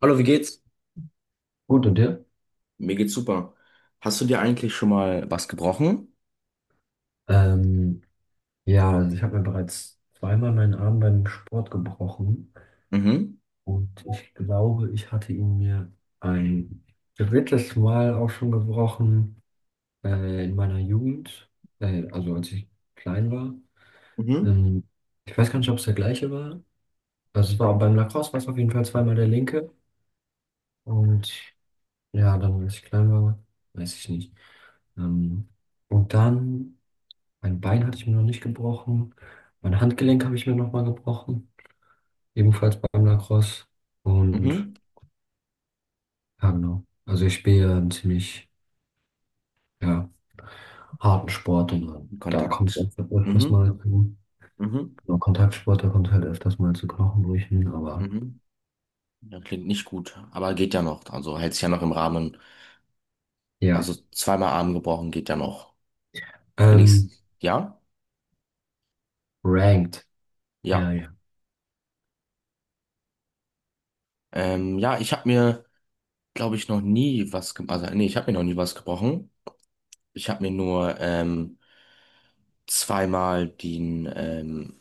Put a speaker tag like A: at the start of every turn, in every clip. A: Hallo, wie geht's?
B: Gut, und dir?
A: Mir geht's super. Hast du dir eigentlich schon mal was gebrochen?
B: Ähm, ja, also ich habe mir bereits zweimal meinen Arm beim Sport gebrochen
A: Mhm,
B: und ich glaube, ich hatte ihn mir ein drittes Mal auch schon gebrochen in meiner Jugend, also als ich klein war.
A: mhm,
B: Ähm, Ich weiß gar nicht, ob es der gleiche war. Also es war beim Lacrosse, war es auf jeden Fall zweimal der linke und ja, dann als ich klein war, weiß ich nicht. Ähm, und dann. Mein Bein hatte ich mir noch nicht gebrochen. Mein Handgelenk habe ich mir nochmal gebrochen. Ebenfalls beim Lacrosse. Und
A: mhm.
B: ja, genau. Also ich spiele ja einen ziemlich, ja, harten Sport und da kommt
A: Kontakt.
B: es halt öfters
A: Mhm,
B: mal zu, genau,
A: mhm,
B: Kontaktsport, da kommt es halt öfters mal zu Knochenbrüchen, aber
A: mhm. Ja, klingt nicht gut, aber geht ja noch. Also hält sich ja noch im Rahmen.
B: ja.
A: Also zweimal Arm gebrochen geht ja noch.
B: Ähm,
A: Wenigstens. Ja?
B: Ranked. Ja,
A: Ja.
B: ja.
A: Ja, ich habe mir, glaube ich, noch nie was gebrochen. Also, nee, ich habe mir noch nie was gebrochen. Ich habe mir nur zweimal den, ähm,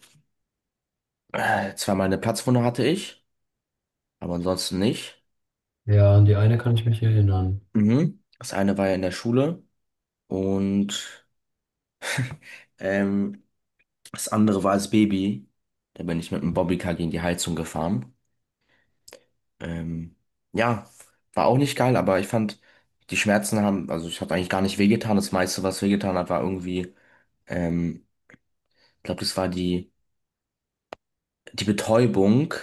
A: äh, zweimal eine Platzwunde hatte ich, aber ansonsten nicht.
B: Ja, an die eine kann ich mich erinnern.
A: Mhm. Das eine war ja in der Schule und ähm, das andere war als Baby. Da bin ich mit einem Bobbycar gegen die Heizung gefahren. Ähm, ja, war auch nicht geil, aber ich fand, die Schmerzen haben, also ich habe eigentlich gar nicht wehgetan. Das meiste, was wehgetan hat, war irgendwie, ähm, ich glaube, das war die Betäubung,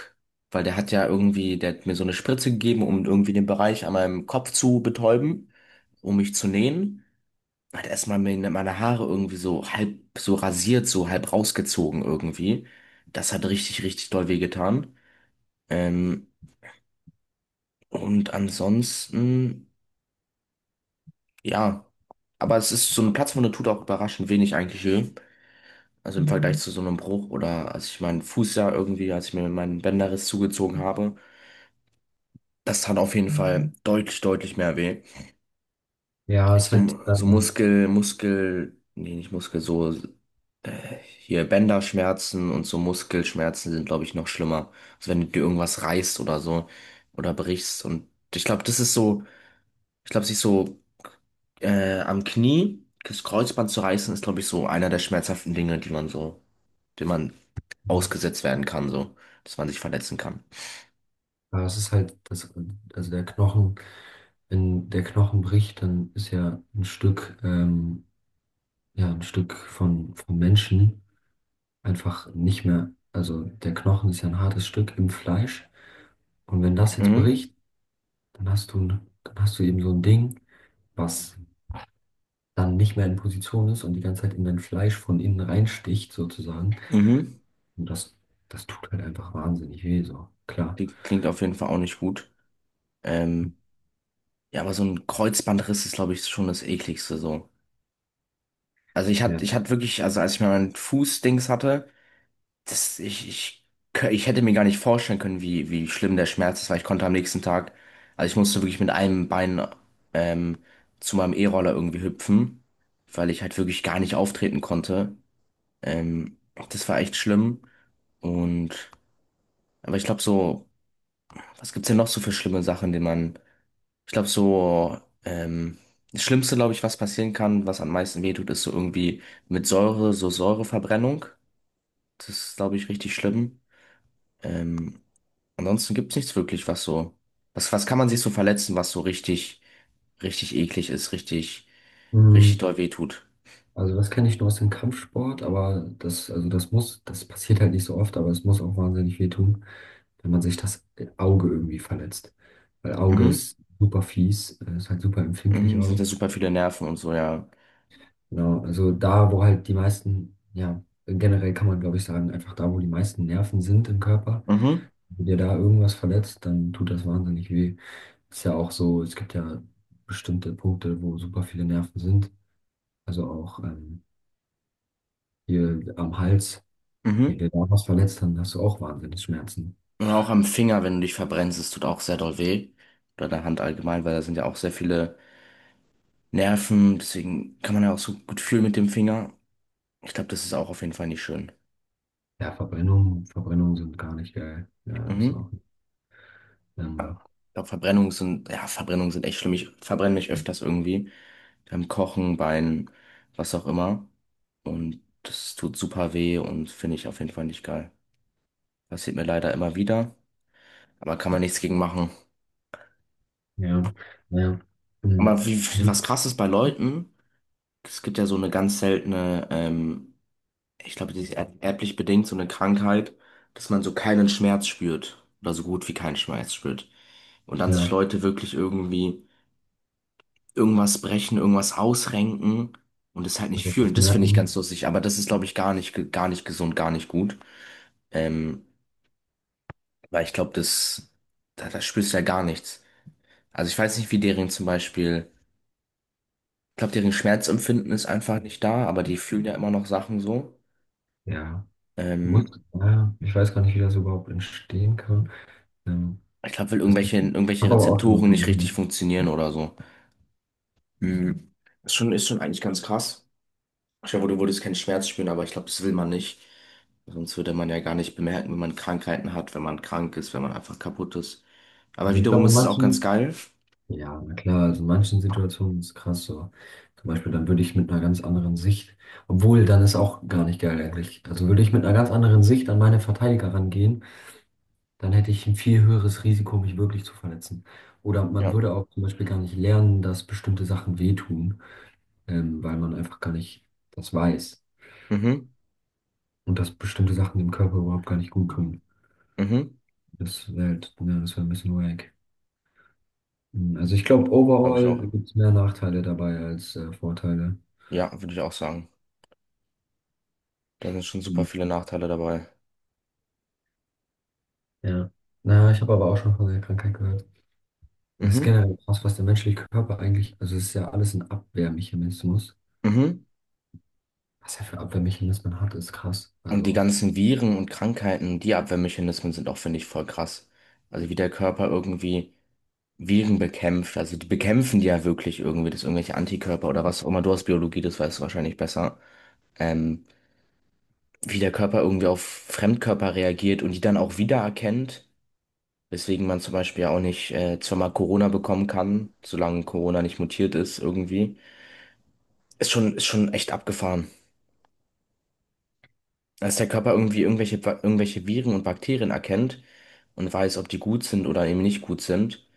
A: weil der hat ja irgendwie, der hat mir so eine Spritze gegeben, um irgendwie den Bereich an meinem Kopf zu betäuben, um mich zu nähen. Hat erstmal meine Haare irgendwie so halb so rasiert, so halb rausgezogen irgendwie. Das hat richtig, richtig doll wehgetan. Ähm, und ansonsten, ja. Aber es ist so eine Platzwunde tut auch überraschend wenig eigentlich weh. Also im Vergleich Mhm. zu so einem Bruch oder als ich meinen Fuß ja irgendwie, als ich mir meinen Bänderriss zugezogen habe, das tat auf jeden Fall deutlich, deutlich mehr weh.
B: Ja, es ist halt,
A: So, so Nee, nicht Muskel, so. Hier Bänderschmerzen und so Muskelschmerzen sind, glaube ich, noch schlimmer. Also wenn du dir irgendwas reißt oder so oder brichst. Und ich glaube, das ist so, ich glaube, sich so am Knie das Kreuzband zu reißen, ist, glaube ich, so einer der schmerzhaften Dinge, die man so, dem man ausgesetzt werden kann, so, dass man sich verletzen kann.
B: ja, es ist halt, das, also der Knochen. Wenn der Knochen bricht, dann ist ja, ein Stück von, vom Menschen einfach nicht mehr. Also der Knochen ist ja ein hartes Stück im Fleisch. Und wenn das jetzt
A: Mhm.
B: bricht, dann hast du, dann hast du eben so ein Ding, was dann nicht mehr in Position ist und die ganze Zeit in dein Fleisch von innen reinsticht, sozusagen.
A: Mhm.
B: Und das, das tut halt einfach wahnsinnig weh, so. Klar.
A: Die klingt auf jeden Fall auch nicht gut. Ähm, ja, aber so ein Kreuzbandriss ist, glaube ich, schon das Ekligste so. Also
B: Ja.
A: ich hatte wirklich, also als ich mir meinen Fußdings hatte, Das, ich, kö- ich hätte mir gar nicht vorstellen können, wie schlimm der Schmerz ist, weil ich konnte am nächsten Tag, also ich musste wirklich mit einem Bein ähm, zu meinem E-Roller irgendwie hüpfen, weil ich halt wirklich gar nicht auftreten konnte. Ähm, Das war echt schlimm. Und, aber ich glaube so, was gibt's denn noch so für schlimme Sachen, die man, ich glaube so, das Schlimmste, glaube ich, was passieren kann, was am meisten wehtut, ist so irgendwie mit Säure, so Säureverbrennung. Das ist, glaube ich, richtig schlimm. Ähm, Ansonsten gibt's nichts wirklich, was so. Was, was kann man sich so verletzen, was so richtig, richtig eklig ist, richtig, richtig
B: Mm,
A: doll wehtut?
B: also das kenne ich nur aus dem Kampfsport, aber das, also das muss, das passiert halt nicht so oft, aber es muss auch wahnsinnig weh tun. Wenn man sich das Auge irgendwie verletzt. Weil Auge
A: Mhm.
B: ist super fies, ist halt super empfindlich
A: Mhm. Sind
B: auch.
A: da super viele Nerven und so, ja.
B: Genau, also da, wo halt die meisten, ja, generell kann man, glaube ich, sagen, einfach da, wo die meisten Nerven sind im Körper,
A: Mhm.
B: wenn dir da irgendwas verletzt, dann tut das wahnsinnig weh. Ist ja auch so, es gibt ja bestimmte Punkte, wo super viele Nerven sind. Also auch hier am Hals, wenn
A: Mhm.
B: dir da was verletzt, dann hast du auch wahnsinnig Schmerzen.
A: Oder auch am Finger, wenn du dich verbrennst, es tut auch sehr doll weh. Oder an der Hand allgemein, weil da sind ja auch sehr viele Nerven. Deswegen kann man ja auch so gut fühlen mit dem Finger. Ich glaube, das ist auch auf jeden Fall nicht schön.
B: Ja, Verbrennungen, Verbrennungen sind gar nicht geil. Ja, ist
A: Mhm.
B: auch. Ähm,
A: Ja. Ich glaube, Verbrennungen sind, ja, Verbrennungen sind echt schlimm. Ich verbrenne mich öfters irgendwie. Beim Kochen, Beinen, was auch immer. Und das tut super weh und finde ich auf jeden Fall nicht geil. Passiert mir leider immer wieder, aber kann man nichts gegen machen.
B: Ja, ja. Mhm.
A: Aber wie, was
B: Mhm.
A: krass ist bei Leuten, es gibt ja so eine ganz seltene, ich glaube, die ist erblich bedingt, so eine Krankheit, dass man so keinen Schmerz spürt oder so gut wie keinen Schmerz spürt. Und dann sich
B: Ja,
A: Leute wirklich irgendwie irgendwas brechen, irgendwas ausrenken und es halt nicht
B: also das
A: fühlen. Das finde ich ganz
B: merken.
A: lustig, aber das ist, glaube ich, gar nicht gesund, gar nicht gut. Ähm, Weil ich glaube, da, da spürst du ja gar nichts. Also ich weiß nicht, wie deren zum Beispiel, ich glaube, deren Schmerzempfinden ist einfach nicht da, aber die fühlen ja immer noch Sachen so.
B: Ja, muss,
A: Ähm,
B: ja, ich weiß gar nicht, wie das überhaupt entstehen kann. Ähm,
A: Ich glaube, weil
B: Das
A: irgendwelche
B: habe aber auch schon
A: Rezeptoren nicht
B: davon
A: richtig
B: gehört.
A: funktionieren oder so. Mhm. Ist schon eigentlich ganz krass. Ich glaube, du würdest keinen Schmerz spüren, aber ich glaube, das will man nicht. Sonst würde man ja gar nicht bemerken, wenn man Krankheiten hat, wenn man krank ist, wenn man einfach kaputt ist. Aber
B: Also ich
A: wiederum
B: glaube, in
A: ist es auch ganz
B: manchen,
A: geil.
B: ja, na klar, also in manchen Situationen ist es krass so. Zum Beispiel, dann würde ich mit einer ganz anderen Sicht, obwohl, dann ist auch gar nicht geil eigentlich. Also würde ich mit einer ganz anderen Sicht an meine Verteidiger rangehen, dann hätte ich ein viel höheres Risiko, mich wirklich zu verletzen. Oder man
A: Ja.
B: würde auch zum Beispiel gar nicht lernen, dass bestimmte Sachen wehtun. Weil man einfach gar nicht das weiß
A: Mhm.
B: und dass bestimmte Sachen dem Körper überhaupt gar nicht gut kommen.
A: Mhm.
B: Das wäre halt, ne, das wäre ein bisschen wack. Hm, also ich glaube,
A: Glaube ich
B: overall
A: auch.
B: gibt es mehr Nachteile dabei als Vorteile.
A: Ja, würde ich auch sagen. Da sind schon super
B: Hm.
A: viele Nachteile dabei.
B: Ja. Na, ich habe aber auch schon von der Krankheit gehört. Das ist
A: Mhm.
B: generell krass, was der menschliche Körper eigentlich, also es ist ja alles ein Abwehrmechanismus.
A: Mhm.
B: Was er für Abwehrmechanismen hat, ist krass.
A: Und die
B: Also,
A: ganzen Viren und Krankheiten, die Abwehrmechanismen sind auch, finde ich, voll krass. Also wie der Körper irgendwie Viren bekämpft. Also die bekämpfen die ja wirklich irgendwie, das irgendwelche Antikörper oder was auch immer. Du hast Biologie, das weißt du wahrscheinlich besser. Ähm, Wie der Körper irgendwie auf Fremdkörper reagiert und die dann auch wiedererkennt, weswegen man zum Beispiel ja auch nicht zweimal Corona bekommen kann, solange Corona nicht mutiert ist irgendwie. Ist schon echt abgefahren. Dass der Körper irgendwie irgendwelche Viren und Bakterien erkennt und weiß, ob die gut sind oder eben nicht gut sind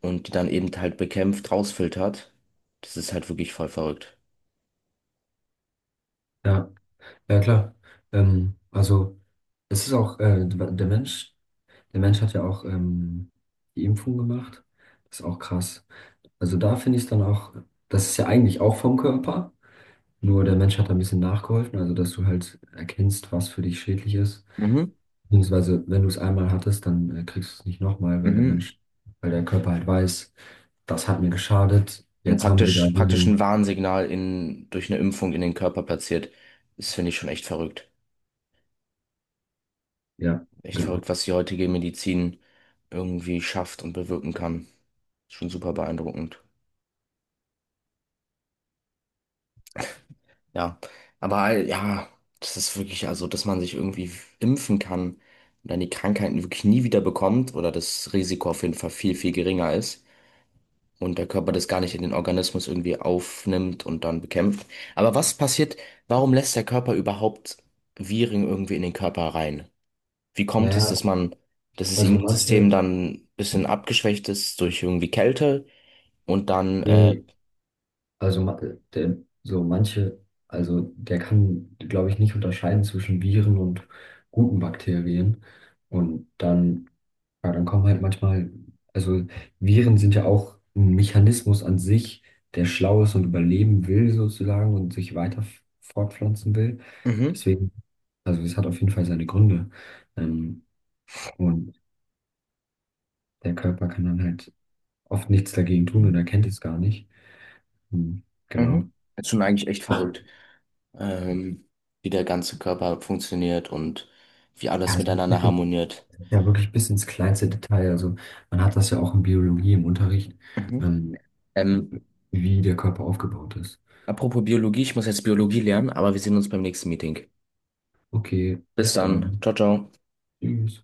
A: und die dann eben halt bekämpft, rausfiltert. Das ist halt wirklich voll verrückt.
B: ja, ja klar. Also es ist auch, der Mensch hat ja auch die Impfung gemacht. Das ist auch krass. Also da finde ich es dann auch, das ist ja eigentlich auch vom Körper, nur der Mensch hat da ein bisschen nachgeholfen, also dass du halt erkennst, was für dich schädlich ist.
A: Mhm,
B: Beziehungsweise, wenn du es einmal hattest, dann kriegst du es nicht nochmal,
A: mhm.
B: Weil der Körper halt weiß, das hat mir geschadet,
A: Und
B: jetzt haben wir da
A: praktisch, praktisch ein
B: Heilung.
A: Warnsignal in, durch eine Impfung in den Körper platziert. Das finde ich schon echt verrückt.
B: Ja,
A: Echt
B: genau.
A: verrückt, was die heutige Medizin irgendwie schafft und bewirken kann. Schon super beeindruckend. Ja, aber ja, das ist wirklich, also, dass man sich irgendwie impfen kann und dann die Krankheiten wirklich nie wieder bekommt oder das Risiko auf jeden Fall viel, viel geringer ist und der Körper das gar nicht in den Organismus irgendwie aufnimmt und dann bekämpft. Aber was passiert, warum lässt der Körper überhaupt Viren irgendwie in den Körper rein? Wie kommt es,
B: Naja,
A: dass man, dass das
B: also
A: Immunsystem
B: manche,
A: dann ein bisschen abgeschwächt ist durch irgendwie Kälte? Und dann, äh,
B: Also ma- äh, der, so manche, also der kann, glaube ich, nicht unterscheiden zwischen Viren und guten Bakterien. Und dann, ja, dann kommen halt manchmal, also Viren sind ja auch ein Mechanismus an sich, der schlau ist und überleben will sozusagen und sich weiter fortpflanzen will.
A: mhm,
B: Deswegen, also es hat auf jeden Fall seine Gründe. Ähm, und der Körper kann dann halt oft nichts dagegen tun und erkennt es gar nicht. Hm, genau.
A: mhm. Das ist schon eigentlich echt verrückt, ähm, wie der ganze Körper funktioniert und wie
B: Ja,
A: alles
B: also
A: miteinander harmoniert.
B: ja, wirklich bis ins kleinste Detail. Also man hat das ja auch in Biologie im Unterricht,
A: Mhm.
B: ähm,
A: Ähm,
B: wie der Körper aufgebaut ist.
A: apropos Biologie, ich muss jetzt Biologie lernen, aber wir sehen uns beim nächsten Meeting.
B: Okay,
A: Bis
B: bis
A: dann.
B: dann.
A: Ciao, ciao.
B: Tschüss.